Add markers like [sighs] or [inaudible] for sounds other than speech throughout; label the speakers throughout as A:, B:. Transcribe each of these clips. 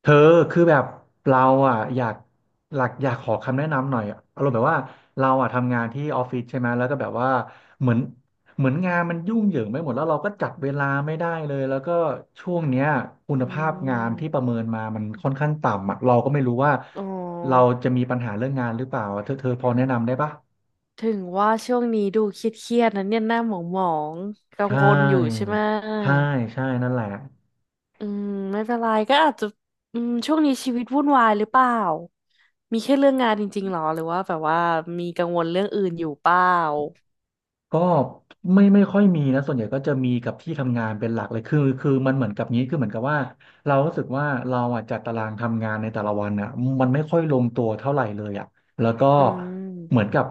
A: เธอคือแบบเราอ่ะอยากหลักอยากขอคำแนะนำหน่อยอารมณ์แบบว่าเราอ่ะทำงานที่ออฟฟิศใช่ไหมแล้วก็แบบว่าเหมือนเหมือนงานมันยุ่งเหยิงไปหมดแล้วเราก็จัดเวลาไม่ได้เลยแล้วก็ช่วงเนี้ยคุณ
B: อื
A: ภาพงานที่ประ
B: ม
A: เมินมามันค่อนข้างต่ำอ่ะเราก็ไม่รู้ว่า
B: อ๋อ
A: เราจะมีปัญหาเรื่องงานหรือเปล่าเธอพอแนะนำได้ปะ
B: ถึงว่าช่วงนี้ดูเครียดๆนะเนี่ยหน้าหมองหมองกัง
A: ใช่
B: วลอยู่ใช่ไหม
A: ใช่ใช่นั่นแหละ
B: อืมไม่เป็นไรก็อาจจะช่วงนี้ชีวิตวุ่นวายหรือเปล่า มีแค่เรื่องงานจริงๆหรอหรือว่าแบบว่ามีกังวลเรื่องอื่นอยู่เปล่า
A: ก็ไม่ค่อยมีนะส่วนใหญ่ก็จะมีกับที่ทำงานเป็นหลักเลยคือมันเหมือนกับนี้คือเหมือนกับว่าเรารู้สึกว่าเราอ่ะจัดตารางทำงานในแต่ละวันอ่ะมันไม่ค่อยลงตัวเท่าไหร่เลยอ่ะแล้วก็
B: อื
A: เหมือ
B: ม
A: นกับ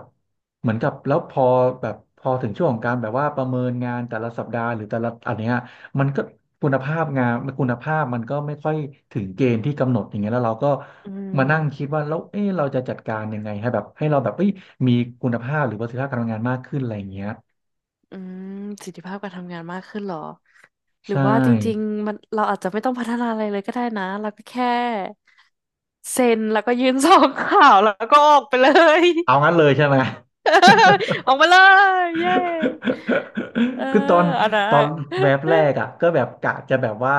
A: เหมือนกับแล้วพอแบบพอถึงช่วงของการแบบว่าประเมินงานแต่ละสัปดาห์หรือแต่ละอันเนี้ยมันก็คุณภาพงานคุณภาพมันก็ไม่ค่อยถึงเกณฑ์ที่กำหนดอย่างเงี้ยแล้วเราก็
B: อื
A: มานั่งคิด
B: ม
A: ว่าแล้วเอ๊ะเราจะจัดการยังไงให้แบบให้เราแบบเอ้ยมีคุณภาพหรือประสิทธิภาพการทำงานมากขึ้นอะไรอย่างเงี้ย
B: อืมประสิทธิภาพการทำงานมากขึ้นเหรอ หรือ
A: ใช่
B: ว่าจริงๆมันเราอาจจะไม่ต้องพัฒนาอะไรเลยก็ได้นะเราก็แค่เซ็นแล้วก็ยื่น [laughs] ซองข่าวแล้วก็ออกไปเลย
A: เอางั้นเลยใช่ไหม
B: [laughs] อ
A: [laughs]
B: อกมาเลยเย้เออ
A: [laughs] คือตอน
B: อันนั้น
A: ต
B: [laughs]
A: อนแวบแร
B: อะ
A: กอ่ะก็แบบกะจะแบบว่า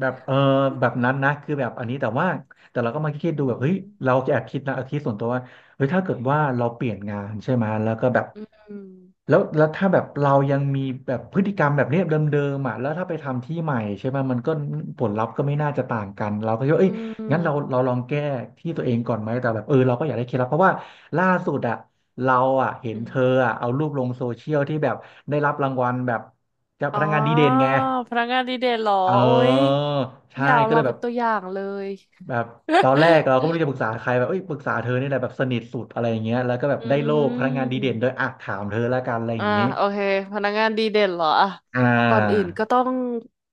A: แบบเออแบบนั้นนะคือแบบอันนี้แต่ว่าแต่เราก็มาคิด
B: อื
A: ดูแบบเฮ้ย
B: ม
A: เราแอบคิดนะเอาคิดส่วนตัวว่าเฮ้ยถ้าเกิดว่าเราเปลี่ยนงานใช่ไหมแล้วก็แบบ
B: อืม
A: แล้วถ้าแบบเรายังมีแบบพฤติกรรมแบบเนี้ยเดิมๆอ่ะแล้วถ้าไปทำที่ใหม่ใช่ไหมมันก็ผลลัพธ์ก็ไม่น่าจะต่างกันเราก็คิดว่า
B: อื
A: เอ้ย งั้นเรา
B: ม
A: เราลองแก้ที่ตัวเองก่อนไหมแต่แบบเออเราก็อยากได้เคล็ดลับเพราะว่าล่าสุดอะเราอะเห็น
B: อื
A: เธอ
B: ม
A: อะเอารูปลงโซเชียลที่แบบได้รับรางวัลแบบจากพ
B: อ๋อ
A: นักงานดีเด่นไง
B: พนักงานดีเด่นเหรอ
A: เอ
B: โอ้ย
A: อ
B: อ
A: ใช่
B: ย่าเอา
A: ก็เล
B: เรา
A: ยแบ
B: เป็
A: บ
B: นตัวอย่างเลย
A: แบบตอนแรกเราก็ไม่
B: [laughs]
A: รู้จะปรึกษาใครแบบเอ้ยปรึกษาเธอนี่แหละแบบสนิทสุดอะไรอย่างเงี้ยแล้วก็แบบ
B: อื
A: ได้โล่พนักงานดีเด่นด้วย
B: ม
A: อ่ะถามเธอละกันอะไรอ
B: อ่า
A: ย่างเงี้ย
B: โอเคพนักงานดีเด่นเหรออ่ะ
A: อ่
B: ก่อนอื่น
A: า
B: ก็ต้อง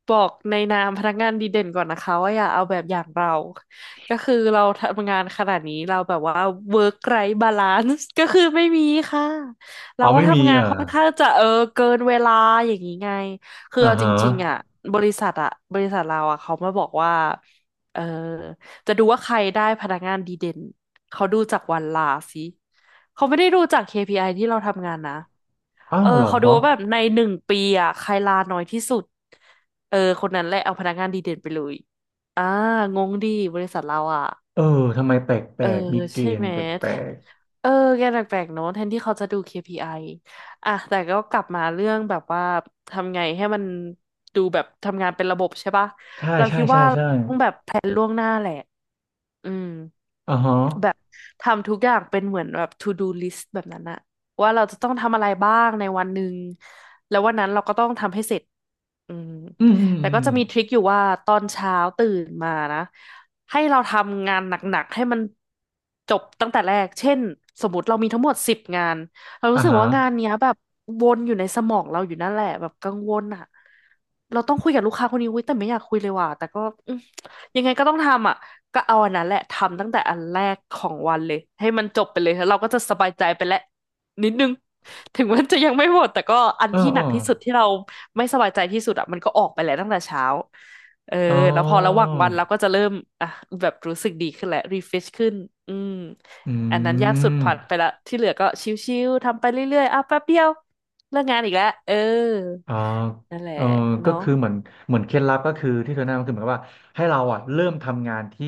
B: บอกในนามพนักงานดีเด่นก่อนนะคะว่าอย่าเอาแบบอย่างเรา ก็คือเราทำงานขนาดนี้เราแบบว่า work life balance ก็คือไม่มีค่ะเรา
A: เอา
B: ก็
A: ไม่มี
B: ทำงา
A: เอ
B: นค่อ
A: อ
B: นข้างจะเกินเวลาอย่างนี้ไงคือ
A: อ่า
B: เอาจ
A: ฮะ
B: ริงๆอ่ะบริษัทอ่ะบริษัทเราอ่ะเขามาบอกว่าเออจะดูว่าใครได้พนักงานดีเด่นเขาดูจากวันลาสิ เขาไม่ได้ดูจาก KPI ที่เราทำงานนะ
A: อ้าวเหรอ
B: เขาดูว่าแบบใน1 ปีอ่ะใครลาน้อยที่สุดคนนั้นแหละเอาพนักงานดีเด่นไปเลยอ่างงดีบริษัทเราอ่ะ
A: เออทำไมแป
B: เอ
A: ล
B: อ
A: กๆมีเก
B: ใช่
A: ณ
B: ไห
A: ฑ์
B: ม
A: แป
B: แท
A: ลก
B: เออแกแปลกๆเนอะแทนที่เขาจะดู KPI ออ่ะแต่ก็กลับมาเรื่องแบบว่าทำไงให้มันดูแบบทำงานเป็นระบบใช่ปะ
A: ใช่
B: เรา
A: ใช่
B: คิด
A: ใช่
B: ว่า
A: ใช่
B: อืม
A: อ่าฮะ
B: แบบทำทุกอย่างเป็นเหมือนแบบ to do list แบบนั้นอะว่าเราจะต้องทำอะไรบ้างในวันหนึ่งแล้ววันนั้นเราก็ต้องทำให้เสร็จอืม
A: อืมอืม
B: แต่
A: อื
B: ก็
A: ม
B: จะมีทริคอยู่ว่าตอนเช้าตื่นมานะให้เราทำงานหนักๆให้มันจบตั้งแต่แรกเช่นสมมติเรามีทั้งหมด10 งานเรารู้
A: อ่า
B: สึก
A: ฮะ
B: ว่างานเนี้ยแบบวนอยู่ในสมองเราอยู่นั่นแหละแบบกังวลอะเราต้องคุยกับลูกค้าคนนี้อุ้ยแต่ไม่อยากคุยเลยว่ะแต่ก็อืมยังไงก็ต้องทำอะ ก็เอาอันนั้นแหละทำตั้งแต่อันแรกของวันเลยให้มันจบไปเลยแล้วเราก็จะสบายใจไปแล้วนิดนึงถึงมันจะยังไม่หมดแต่ก็อัน
A: เออ
B: ที่ห
A: เอ
B: นั
A: อ
B: กที่สุดที่เราไม่สบายใจที่สุดอ่ะมันก็ออกไปแล้วตั้งแต่เช้าเออ
A: อ๋อ
B: แล้วพอระหว่างวันเราก็จะเริ่มอ่ะแบบรู้สึกดีขึ้นแหละรีเฟชขึ้นอืม
A: อื
B: อันนั้นยากสุดผ่านไป
A: ม
B: ละที่เหลือก็ชิวๆทำไปเรื่อยๆอ่ะแป๊บเดียวเลิกงานอีกแล้ว
A: อ่า
B: นั่นแหละ
A: เออก็
B: เนาะ
A: คือเหมือนเคล็ดลับก็คือที่เธอแนะนำคือเหมือนกับว่าให้เราอ่ะเริ่มทำงานที่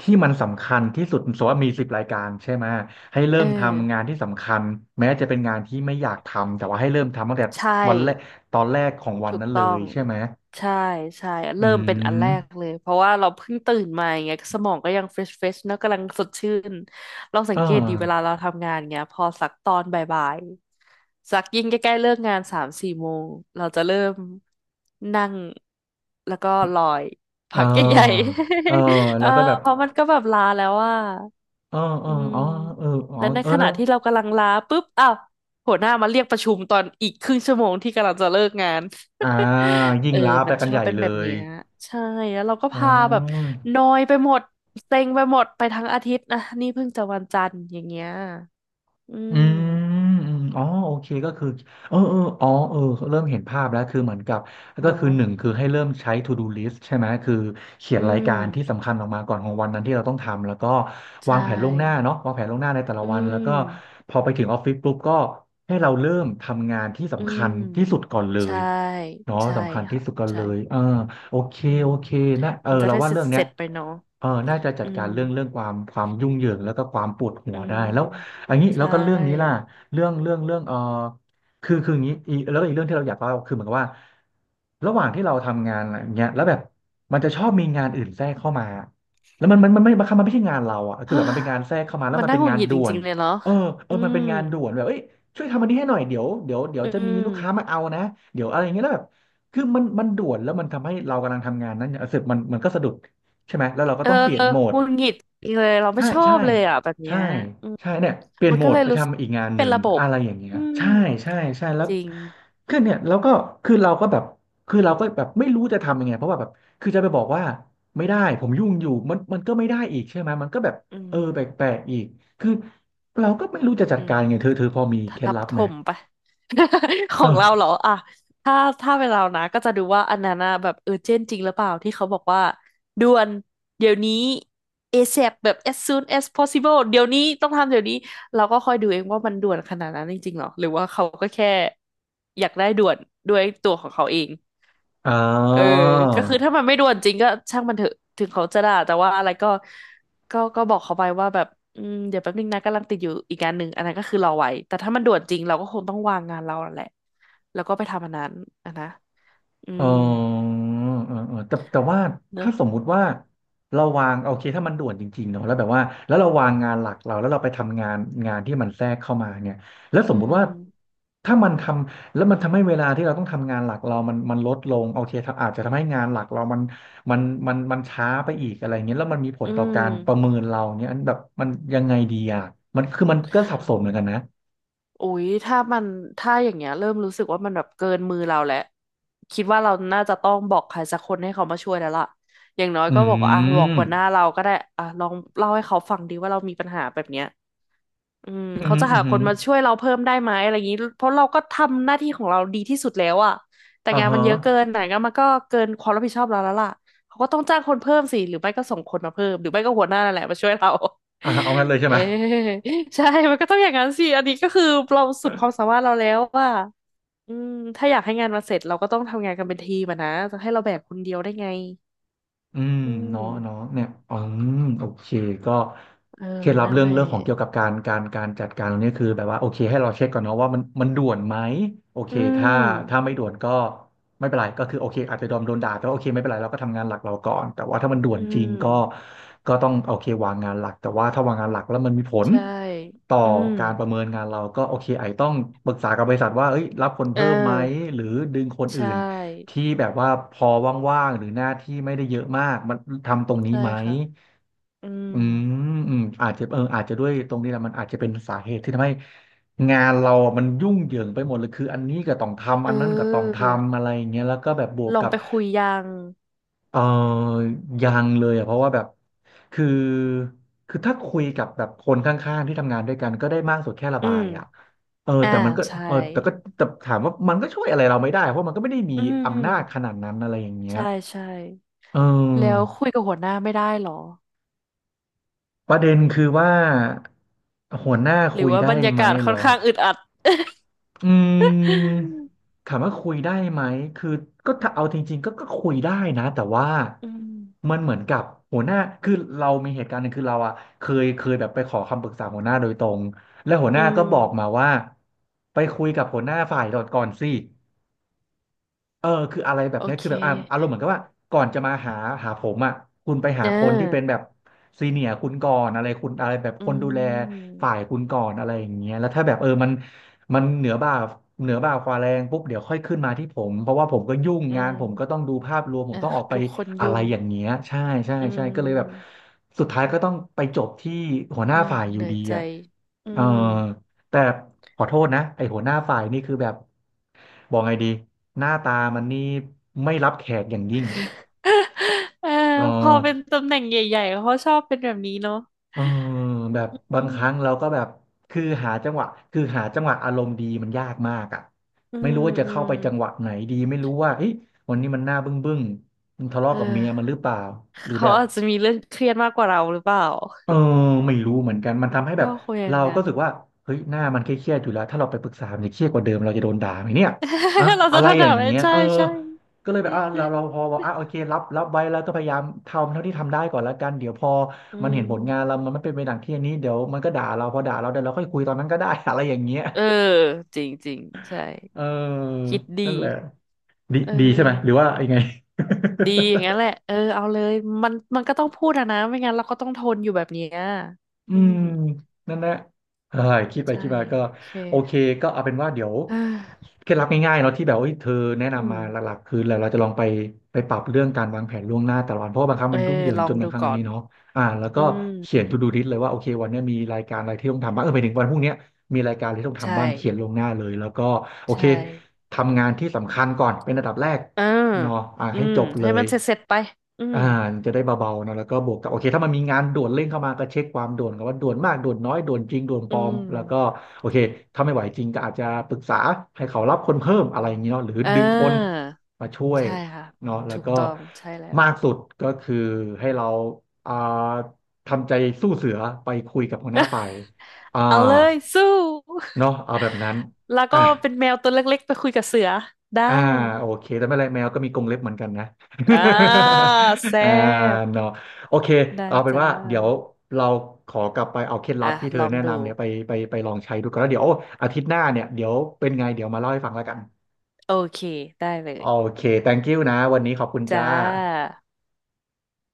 A: ที่มันสำคัญที่สุดสมมติว่ามี10 รายการใช่ไหมให้เริ่
B: เอ
A: มทำงา
B: อ
A: นที่สำคัญแม้จะเป็นงานที่ไม่อยากทำแต่ว่าให้เริ่มทำตั้งแต่
B: ใช่
A: วันแรกตอนแรกของวัน
B: ถูก
A: นั้นเล
B: ต้อ
A: ย
B: ง
A: ใช่ไหม
B: ใช่ใช่
A: อื
B: เริ่มเป็นอันแรก
A: ม
B: เลยเพราะว่าเราเพิ่งตื่นมาอย่างเงี้ยสมองก็ยังเฟรชเฟรชนอะกำลังสดชื่นเราสัง
A: อ่า
B: เกตดีเวลาเราทำงานเงี้ยพอสักตอนบ่ายๆสักยิ่งใกล้ๆเลิกงาน3-4 โมงเราจะเริ่มนั่งแล้วก็ลอย
A: เอ่
B: พักใหญ่
A: าเออ
B: ๆ [laughs] เออ
A: แล้วก็แบบ
B: เพราะมันก็แบบลาแล้วว่า
A: อ๋ออ๋
B: อื
A: อ
B: ม
A: อ๋อเอออ๋อ
B: และใน
A: เออ
B: ข
A: แล้
B: ณะ
A: ว
B: ที่เรากำลังลาปุ๊บอ้าวหัวหน้ามาเรียกประชุมตอนอีกครึ่งชั่วโมงที่กำลังจะเลิกงาน
A: อ่า
B: [laughs]
A: ยิ่
B: เอ
A: ง
B: อ
A: ล้าไป
B: มัน
A: กั
B: ช
A: น
B: อ
A: ให
B: บ
A: ญ่
B: เป็น
A: เล
B: แบบ
A: ย
B: เนี้ยใช่แล้วเราก็
A: อ๋อ
B: พาแบบนอยไปหมดเซ็งไปหมดไปทั้งอาทิตย์นะนี่เพิ่งจะวันจันทร์อย่างเงี้ย อื
A: อื
B: ม
A: มอืมอ๋อโอเคก็คือเออเอออ๋อเออเริ่มเห็นภาพแล้วคือเหมือนกับก็คื
B: เนาะ
A: อหนึ่งคือให้เริ่มใช้ to do list ใช่ไหมคือเขีย
B: อื
A: นราย
B: ม
A: การที่สำคัญออกมาก่อนของวันนั้นที่เราต้องทำ แล้วก็
B: ใช
A: วางแผนล่วงหน้า
B: ่
A: เนาะวางแผนล่วงหน้าในแต่ละ
B: อื
A: วัน แล้วก็
B: ม
A: พอไปถึงออฟฟิศปุ๊บก็ให้เราเริ่มทำงานที่
B: อื
A: สำคั
B: ม
A: ญที่สุดก่อนเล
B: ใช่
A: ยเนาะ
B: ใช่
A: สำคัญที่
B: ค่ะ
A: สุดก่อน
B: ใช่
A: เลยเออโอเค
B: อื
A: โอ
B: ม
A: เคนะเออ
B: มันจะ
A: เรา
B: ได้
A: ว่า
B: เสร็
A: เรื่
B: จ
A: องเนี้
B: เส
A: ย
B: ร็จไปเนาะ
A: เออน่าจะจั
B: อื
A: ดกา
B: ม
A: รเรื่องความยุ่งเหยิงแล้วก็ความปวดหั
B: อื
A: ว
B: ม
A: ได้แล้วอันนี้
B: ใช
A: แล้วก็เรื่องนี้ล่ะ
B: ่
A: เรื่องเออคืออย่างนี้อีกแล้วก็อีกเรื่องที่เราอยากเล่าคือเหมือนกับว่าระหว่างที่เราทำงานอะไรอย่างเงี้ยแล้วแบบมันจะชอบมีงานอื่นแทรกเข้ามาแล้วมันไม่บางครั้งมันไม่ใช่งานเราอ่ะคือแบบมันเป็นงานแทรกเข้ามาแล้
B: [sighs]
A: ว
B: มัน
A: มัน
B: น่า
A: เป็น
B: หงุด
A: งา
B: ห
A: น
B: งิด
A: ด่
B: จ
A: ว
B: ริ
A: น
B: งๆเลยเนาะ
A: เออเออ
B: อื
A: มัน
B: ม
A: เป็นงานด่วนแบบเอ้ยช่วยทำอันนี้ให้หน่อยเดี๋ยว
B: อื
A: จะมี
B: ม
A: ลูกค้ามาเอานะเดี๋ยวอะไรอย่างเงี้ยแล้วแบบคือมันด่วนแล้วมันทำให้เรากำลังทำงานนั้นเนี่ยเสร็จมันก็สะดุด ใช่ไหมแล้วเราก็
B: เออ
A: ต้องเปลี่ยนโหม
B: ห
A: ด
B: งุดหงิดอเลยเราไม่
A: ใช่
B: ชอ
A: ใช่
B: บเลยอ่ะแบบเนี้
A: ใช่
B: ยอืม
A: ใช่เนี่ยเปลี่ยน
B: มัน
A: โหม
B: ก็
A: ด
B: เลย
A: ไป
B: รู้สึก
A: ทำอีกงานห
B: เป็น
A: นึ่ง
B: ระบบ
A: อะไรอย่างเงี้ย
B: อืม
A: ใช่ใช่แล้ว
B: จริง
A: คือเนี่ยแล้วก็คือเราก็แบบคือเราก็แบบไม่รู้จะทำยังไงเพราะว่าแบบคือจะไปบอกว่าไม่ได้ผมยุ่งอยู่มันก็ไม่ได้อีกใช่ไหมมันก็แบบ
B: อื
A: เอ
B: ม
A: อแปลกๆอีกคือเราก็ไม่รู้จะจัด
B: อืม
A: การยังไงเธอพอมี
B: ท
A: เคล็ด
B: ับ
A: ลับ
B: ถ
A: ไหม
B: มไป [laughs] ขอ
A: เอ
B: ง
A: อ
B: เราเหรออ่ะถ้าถ้าเป็นเรานะก็จะดูว่าอันนั้นนะแบบเจนจริงหรือเปล่าที่เขาบอกว่าด่วนเดี๋ยวนี้ ASAP แบบ as soon as possible เดี๋ยวนี้ต้องทำเดี๋ยวนี้เราก็คอยดูเองว่ามันด่วนขนาดนั้นจริงๆหรอหรือว่าเขาก็แค่อยากได้ด่วนด้วยตัวของเขาเอง
A: อ่า
B: เออก็คือถ้ามันไม่ด่วนจริงก็ช่างมันเถอะถึงเขาจะด่าแต่ว่าอะไรก็ก็บอกเขาไปว่าแบบเดี๋ยวแป๊บนึงนะกำลังติดอยู่อีกงานหนึ่งอันนั้นก็คือรอไว้แต่ถ้ามันด่วนจริงเราก็คงต้องวางงานเราแหละแล้วก็ไปทำอันนั้นอะนะอื
A: อ๋อ
B: ม
A: เออแต่ว่า
B: เน
A: ถ้า
B: อะ
A: สมมุติว่าเราวางโอเคถ้ามันด่วนจริงๆเนาะแล้วแบบว่าแล้วเราวางงานหลักเราแล้วเราไปทำงานงานที่มันแทรกเข้ามาเนี่ยแล้วส
B: อื
A: มมุติ
B: ม
A: ว่าถ้ามันทำแล้วมันทำให้เวลาที่เราต้องทำงานหลักเรามันลดลงโอเคถ้าอาจจะทำให้งานหลักเรามันมันช้าไปอีกอะไรเงี้ยแล้วมันมีผ
B: อื
A: ลต่อ
B: ม
A: การประเมินเราเนี่ยอันแบบมันยังไงดีอ่ะมันคือมันก็สับสนเหมือนกันนะ
B: อุ๊ยถ้ามันอย่างเงี้ยเริ่มรู้สึกว่ามันแบบเกินมือเราแล้วคิดว่าเราน่าจะต้องบอกใครสักคนให้เขามาช่วยแล้วล่ะอย่างน้อย
A: อื
B: ก็บอกว่าอ่ะบอก
A: ม
B: หัวหน้าเราก็ได้อ่ะลองเล่าให้เขาฟังดีว่าเรามีปัญหาแบบเนี้ย อืม
A: อืมอ
B: เขา
A: หืม
B: จะ
A: ออื
B: หา
A: อ
B: ค
A: หือ
B: นมาช่วยเราเพิ่มได้ไหมอะไรอย่างนี้เพราะเราก็ทำหน้าที่ของเราดีที่สุดแล้วอะแต่
A: อ่า
B: งานมั
A: ฮะ
B: นเยอะเกินไหนงานมันก็เกินความรับผิดชอบเราแล้วล่ะเขาก็ต้องจ้างคนเพิ่มสิหรือไม่ก็ส่งคนมาเพิ่มหรือไม่ก็หัวหน้านั่นแหละมาช่วยเรา
A: อ่าเอางั้นเลย
B: [laughs]
A: ใช่
B: เออ
A: ไหม
B: ใช่มันก็ต้องอย่างนั้นสิอันนี้ก็คือเราสุดความสามารถเราแล้วว่าอืมถ้าอยากให้งานมาเสร็จเราก็ต้องทำงานกันเป็นทีมอะนะจะให้เราแบกคนเดียวได้ไง
A: อืม
B: อืม
A: เนาะเนาะเนี่ยมโอเคก็
B: เออ
A: เคล็ดลับ
B: นั่น
A: เรื่อ
B: แห
A: ง
B: ละ
A: เรื่องของเกี่ยวกับการจัดการตรงนี้คือแบบว่าโอเคให้เราเช็คก่อนเนาะว่ามันด่วนไหมโอเค
B: อื
A: ถ้า
B: ม
A: ถ้าไม่ด่วนก็ไม่เป็นไรก็คือโอเคอาจจะโดนด่าแต่ว่าโอเคไม่เป็นไรเราก็ทำงานหลักเราก่อนแต่ว่าถ้ามันด่วน
B: อื
A: จริงก็
B: ม
A: ก็ต้องโอเควางงานหลักแต่ว่าถ้าวางงานหลักแล้วมันมีผล
B: ใช่
A: ต่อ
B: อืม
A: การประเมินงานเราก็โอเคไอจต้องปรึกษากับบริษัทว่าเอ้ยรับคน
B: เ
A: เพิ่มไหม
B: ออ
A: หรือดึงคน
B: ใช
A: อื่น
B: ่
A: ที่แบบว่าพอว่างๆหรือหน้าที่ไม่ได้เยอะมากมันทำตรงนี้
B: ใช่
A: ไหม
B: ค่ะอืม
A: อืมอืมอาจจะเอออาจจะด้วยตรงนี้แหละมันอาจจะเป็นสาเหตุที่ทำให้งานเราอะมันยุ่งเหยิงไปหมดเลยคืออันนี้ก็ต้องทำ
B: เอ
A: อันนั้นก็ต้องท
B: อ
A: ำอะไรอย่างเงี้ยแล้วก็แบบบวก
B: ลอ
A: กั
B: ง
A: บ
B: ไปคุยยัง
A: เออยังเลยอ่ะเพราะว่าแบบคือคือถ้าคุยกับแบบคนข้างๆที่ทำงานด้วยกันก็ได้มากสุดแค่ระ
B: อื
A: บาย
B: ม
A: อ่ะเออ
B: อ่า
A: แต่มันก็
B: ใช่
A: เออแต่ก็แต่ถามว่ามันก็ช่วยอะไรเราไม่ได้เพราะมันก็ไม่ได้มี
B: อื
A: อำนาจข
B: ม
A: นาดนั้นอะไรอย่างเงี้ย
B: ใช่ใช่
A: เอ
B: แล้ว
A: อ
B: คุยกับหัวหน้าไม่ได้เหรอ
A: ประเด็นคือว่าหัวหน้า
B: หรื
A: คุ
B: อ
A: ย
B: ว่าบ
A: ได้
B: รรยา
A: ไหม
B: กาศ
A: เห
B: ค่
A: ร
B: อน
A: อ
B: ข้างอึดอัด
A: อืมถามว่าคุยได้ไหมคือก็ถ้าเอาจริงๆก็ก็คุยได้นะแต่ว่า
B: [laughs] อืม
A: มันเหมือนกับหัวหน้าคือเรามีเหตุการณ์หนึ่งคือเราอะเคยแบบไปขอคำปรึกษาหัวหน้าโดยตรงและหัวห
B: อื
A: น้าก็บอกมา
B: ม
A: ว่าไปคุยกับหัวหน้าฝ่ายก่อนสิ เออคืออะไรแบ
B: โอ
A: บเนี้ย
B: เค
A: คือแบบอ่ะอารมณ์เหมือนกับว่าก่อนจะมาหาผมอ่ะคุณไปหา
B: เอ
A: คนที่เป็น
B: อ
A: แบบซีเนียร์คุณก่อนอะไรคุณอะไรแบบ
B: อื
A: คนดูแล
B: ม
A: ฝ่ายคุณก่อนอะไรอย่างเงี้ยแล้วถ้าแบบเออมันมันเหนือบ่าเหนือบ่าควาแรงปุ๊บเดี๋ยวค่อยขึ้นมาที่ผมเพราะว่าผมก็ยุ่ง
B: อื
A: งาน
B: ม
A: ผมก็ต้องดูภาพรวมผม
B: อ่ะ
A: ต้องออกไป
B: ทุกคน
A: อะไร
B: ยุ่ง
A: อย่างเงี้ยใช่ใช่
B: อื
A: ใช่ก็เลยแบบ
B: ม
A: สุดท้ายก็ต้องไปจบที่หัวห
B: เอ
A: น้า
B: อ
A: ฝ่ายอ
B: เห
A: ยู่
B: นื่อย
A: ดี
B: ใจ
A: อ่ะ
B: อื
A: เออ
B: ม
A: แต่ขอโทษนะไอหัวหน้าฝ่ายนี่คือแบบบอกไงดีหน้าตามันนี่ไม่รับแขกอย่างยิ่ง
B: เออ
A: เออ
B: พอเป็นตำแหน่งใหญ่ๆเขาชอบเป็นแบบนี้เนาะ
A: เออแบบบา
B: อื
A: งครั้ง
B: ม
A: เราก็แบบคือหาจังหวะคือหาจังหวะอารมณ์ดีมันยากมากอ่ะ
B: อื
A: ไม่รู้
B: ม
A: ว่าจะ
B: อื
A: เข้า
B: ม
A: ไปจังหวะไหนดีไม่รู้ว่าเฮ้ยวันนี้มันหน้าบึ้งมันทะเลาะ
B: เอ
A: กับเมียมันห
B: อ
A: รือเปล่าหรือแบ
B: เขา
A: บ
B: อาจจะมีเรื่องเครียดมากกว่าเราหรือเปล่า
A: เออไม่รู้เหมือนกันมันทำให้แบ
B: ก็
A: บ
B: คงอย่าง
A: เราก็
B: นั้น
A: รู้สึกว่าเฮ้ยหน้ามันเครียดๆอยู่แล้วถ้าเราไปปรึกษามันจะเครียดกว่าเดิมเราจะโดนด่าไหมเนี่ยอะ
B: [laughs] เรา
A: อะ
B: จะ
A: ไร
B: โทษ
A: อย่า
B: ถา
A: ง
B: มไม่
A: เงี้ย
B: ใช่
A: เออ
B: ใช่
A: ก็เลยแบบอ่ะเราพอบอกอ่ะโอเครับไว้แล้วก็พยายามทำเท่าที่ทำได้ก่อนละกันเดี๋ยวพอ
B: อื
A: มันเห็นผลงาน
B: ม
A: เรามันไม่เป็นไปดังที่อันนี้เดี๋ยวมันก็ด่าเราพอด่าเราเดี๋ยวเราค่อยคุยตอนนั้นก็ได้ [laughs] อะไรอย่างเงี้ย
B: เออจริงจริงใช่
A: เออ
B: คิด
A: นั่
B: ดี
A: นแหละดี
B: เอ
A: ดีใช่ไหมหรือ
B: อ
A: ว่ายังไง
B: ดีอย่าง
A: [laughs]
B: นั้นแหละเออเอาเลยมันมันก็ต้องพูดอะนะไม่งั้นเราก็ต้องทนอยู่แบบเนี้ย
A: อื
B: อื
A: ม
B: ม
A: นั่นแหละเออคิดไป
B: ใช่
A: คิดมาก็
B: โอเค
A: โอเคก็เอาเป็นว่าเดี๋ยว
B: อ่า
A: เคล็ดลับง่ายๆเนาะที่แบบว่าเอ้ยเธอแนะ
B: อื
A: นำ
B: ม
A: มาหลักๆคือแล้วเราจะลองไปปรับเรื่องการวางแผนล่วงหน้าแต่ละวันเพราะว่าบางครั้ง
B: เออ
A: มันยุ่งเหยิง
B: ลอ
A: จ
B: ง
A: นบา
B: ดู
A: งครั้ง
B: ก่
A: อั
B: อ
A: นนี้
B: น
A: เนาะอ่าแล้ว
B: อื
A: ก็
B: ม
A: เขียน to do list เลยว่าโอเควันเนี้ยมีรายการอะไรที่ต้องทำบ้างเออไปถึงวันพรุ่งเนี้ยมีรายการอะไรที่ต้อง
B: ใช่
A: ทำบ้างเขียนล่วงหน้าเลยแล้วก็โอเค
B: ใช่
A: ทำงานที่สำคัญก่อนเป็นอันดับแรก
B: อ่า
A: เนาะอ่า
B: อื
A: ให้
B: ม
A: จบเล
B: ให้
A: ย
B: มันเสร็จเสร็จไปอืม
A: อ่าจะได้เบาๆเนอะแล้วก็บวกกับโอเคถ้ามันมีงานด่วนเร่งเข้ามาก็เช็คความด่วนกันว่าด่วนมากด่วนน้อยด่วนจริงด่วนป
B: อื
A: ลอม
B: ม
A: แล้วก็โอเคถ้าไม่ไหวจริงก็อาจจะปรึกษาให้เขารับคนเพิ่มอะไรอย่างเงี้ยเนาะหรือ
B: เ
A: ดึงคน
B: ออ
A: มาช่วย
B: ใช่ค่ะ
A: เนาะแล้ว
B: ถูก
A: ก็
B: ต้องใช่แล้ว
A: มากสุดก็คือให้เราอ่าทำใจสู้เสือไปคุยกับหัวหน้าฝ่ายอ่า
B: เอาเลยสู้
A: เนาะเอาแบบนั้น
B: [laughs] แล้ว
A: อ่ะ
B: ก็เป็นแมวตัวเล็กๆไปคุยกับเสือได้
A: อ่าโอเคแต่ไม่เป็นไรแมวก็มีกรงเล็บเหมือนกันนะ
B: อ่าแซ่
A: [laughs] อ่า
B: บ
A: เนาะโอเค
B: ได้
A: เอาเป็น
B: จ้า
A: ว่าเดี๋ยวเราขอกลับไปเอาเคล็ดลั
B: อ่ะ
A: บที่เธ
B: ล
A: อ
B: อง
A: แนะ
B: ดู
A: นำเนี่ยไปลองใช้ดูก่อนแล้วเดี๋ยวอาทิตย์หน้าเนี่ยเดี๋ยวเป็นไงเดี๋ยวมาเล่าให้ฟังแล้วกัน
B: โอเคได้เล
A: โอ
B: ย
A: เค thank you นะวันนี้ขอบคุณ
B: จ้า
A: จ้า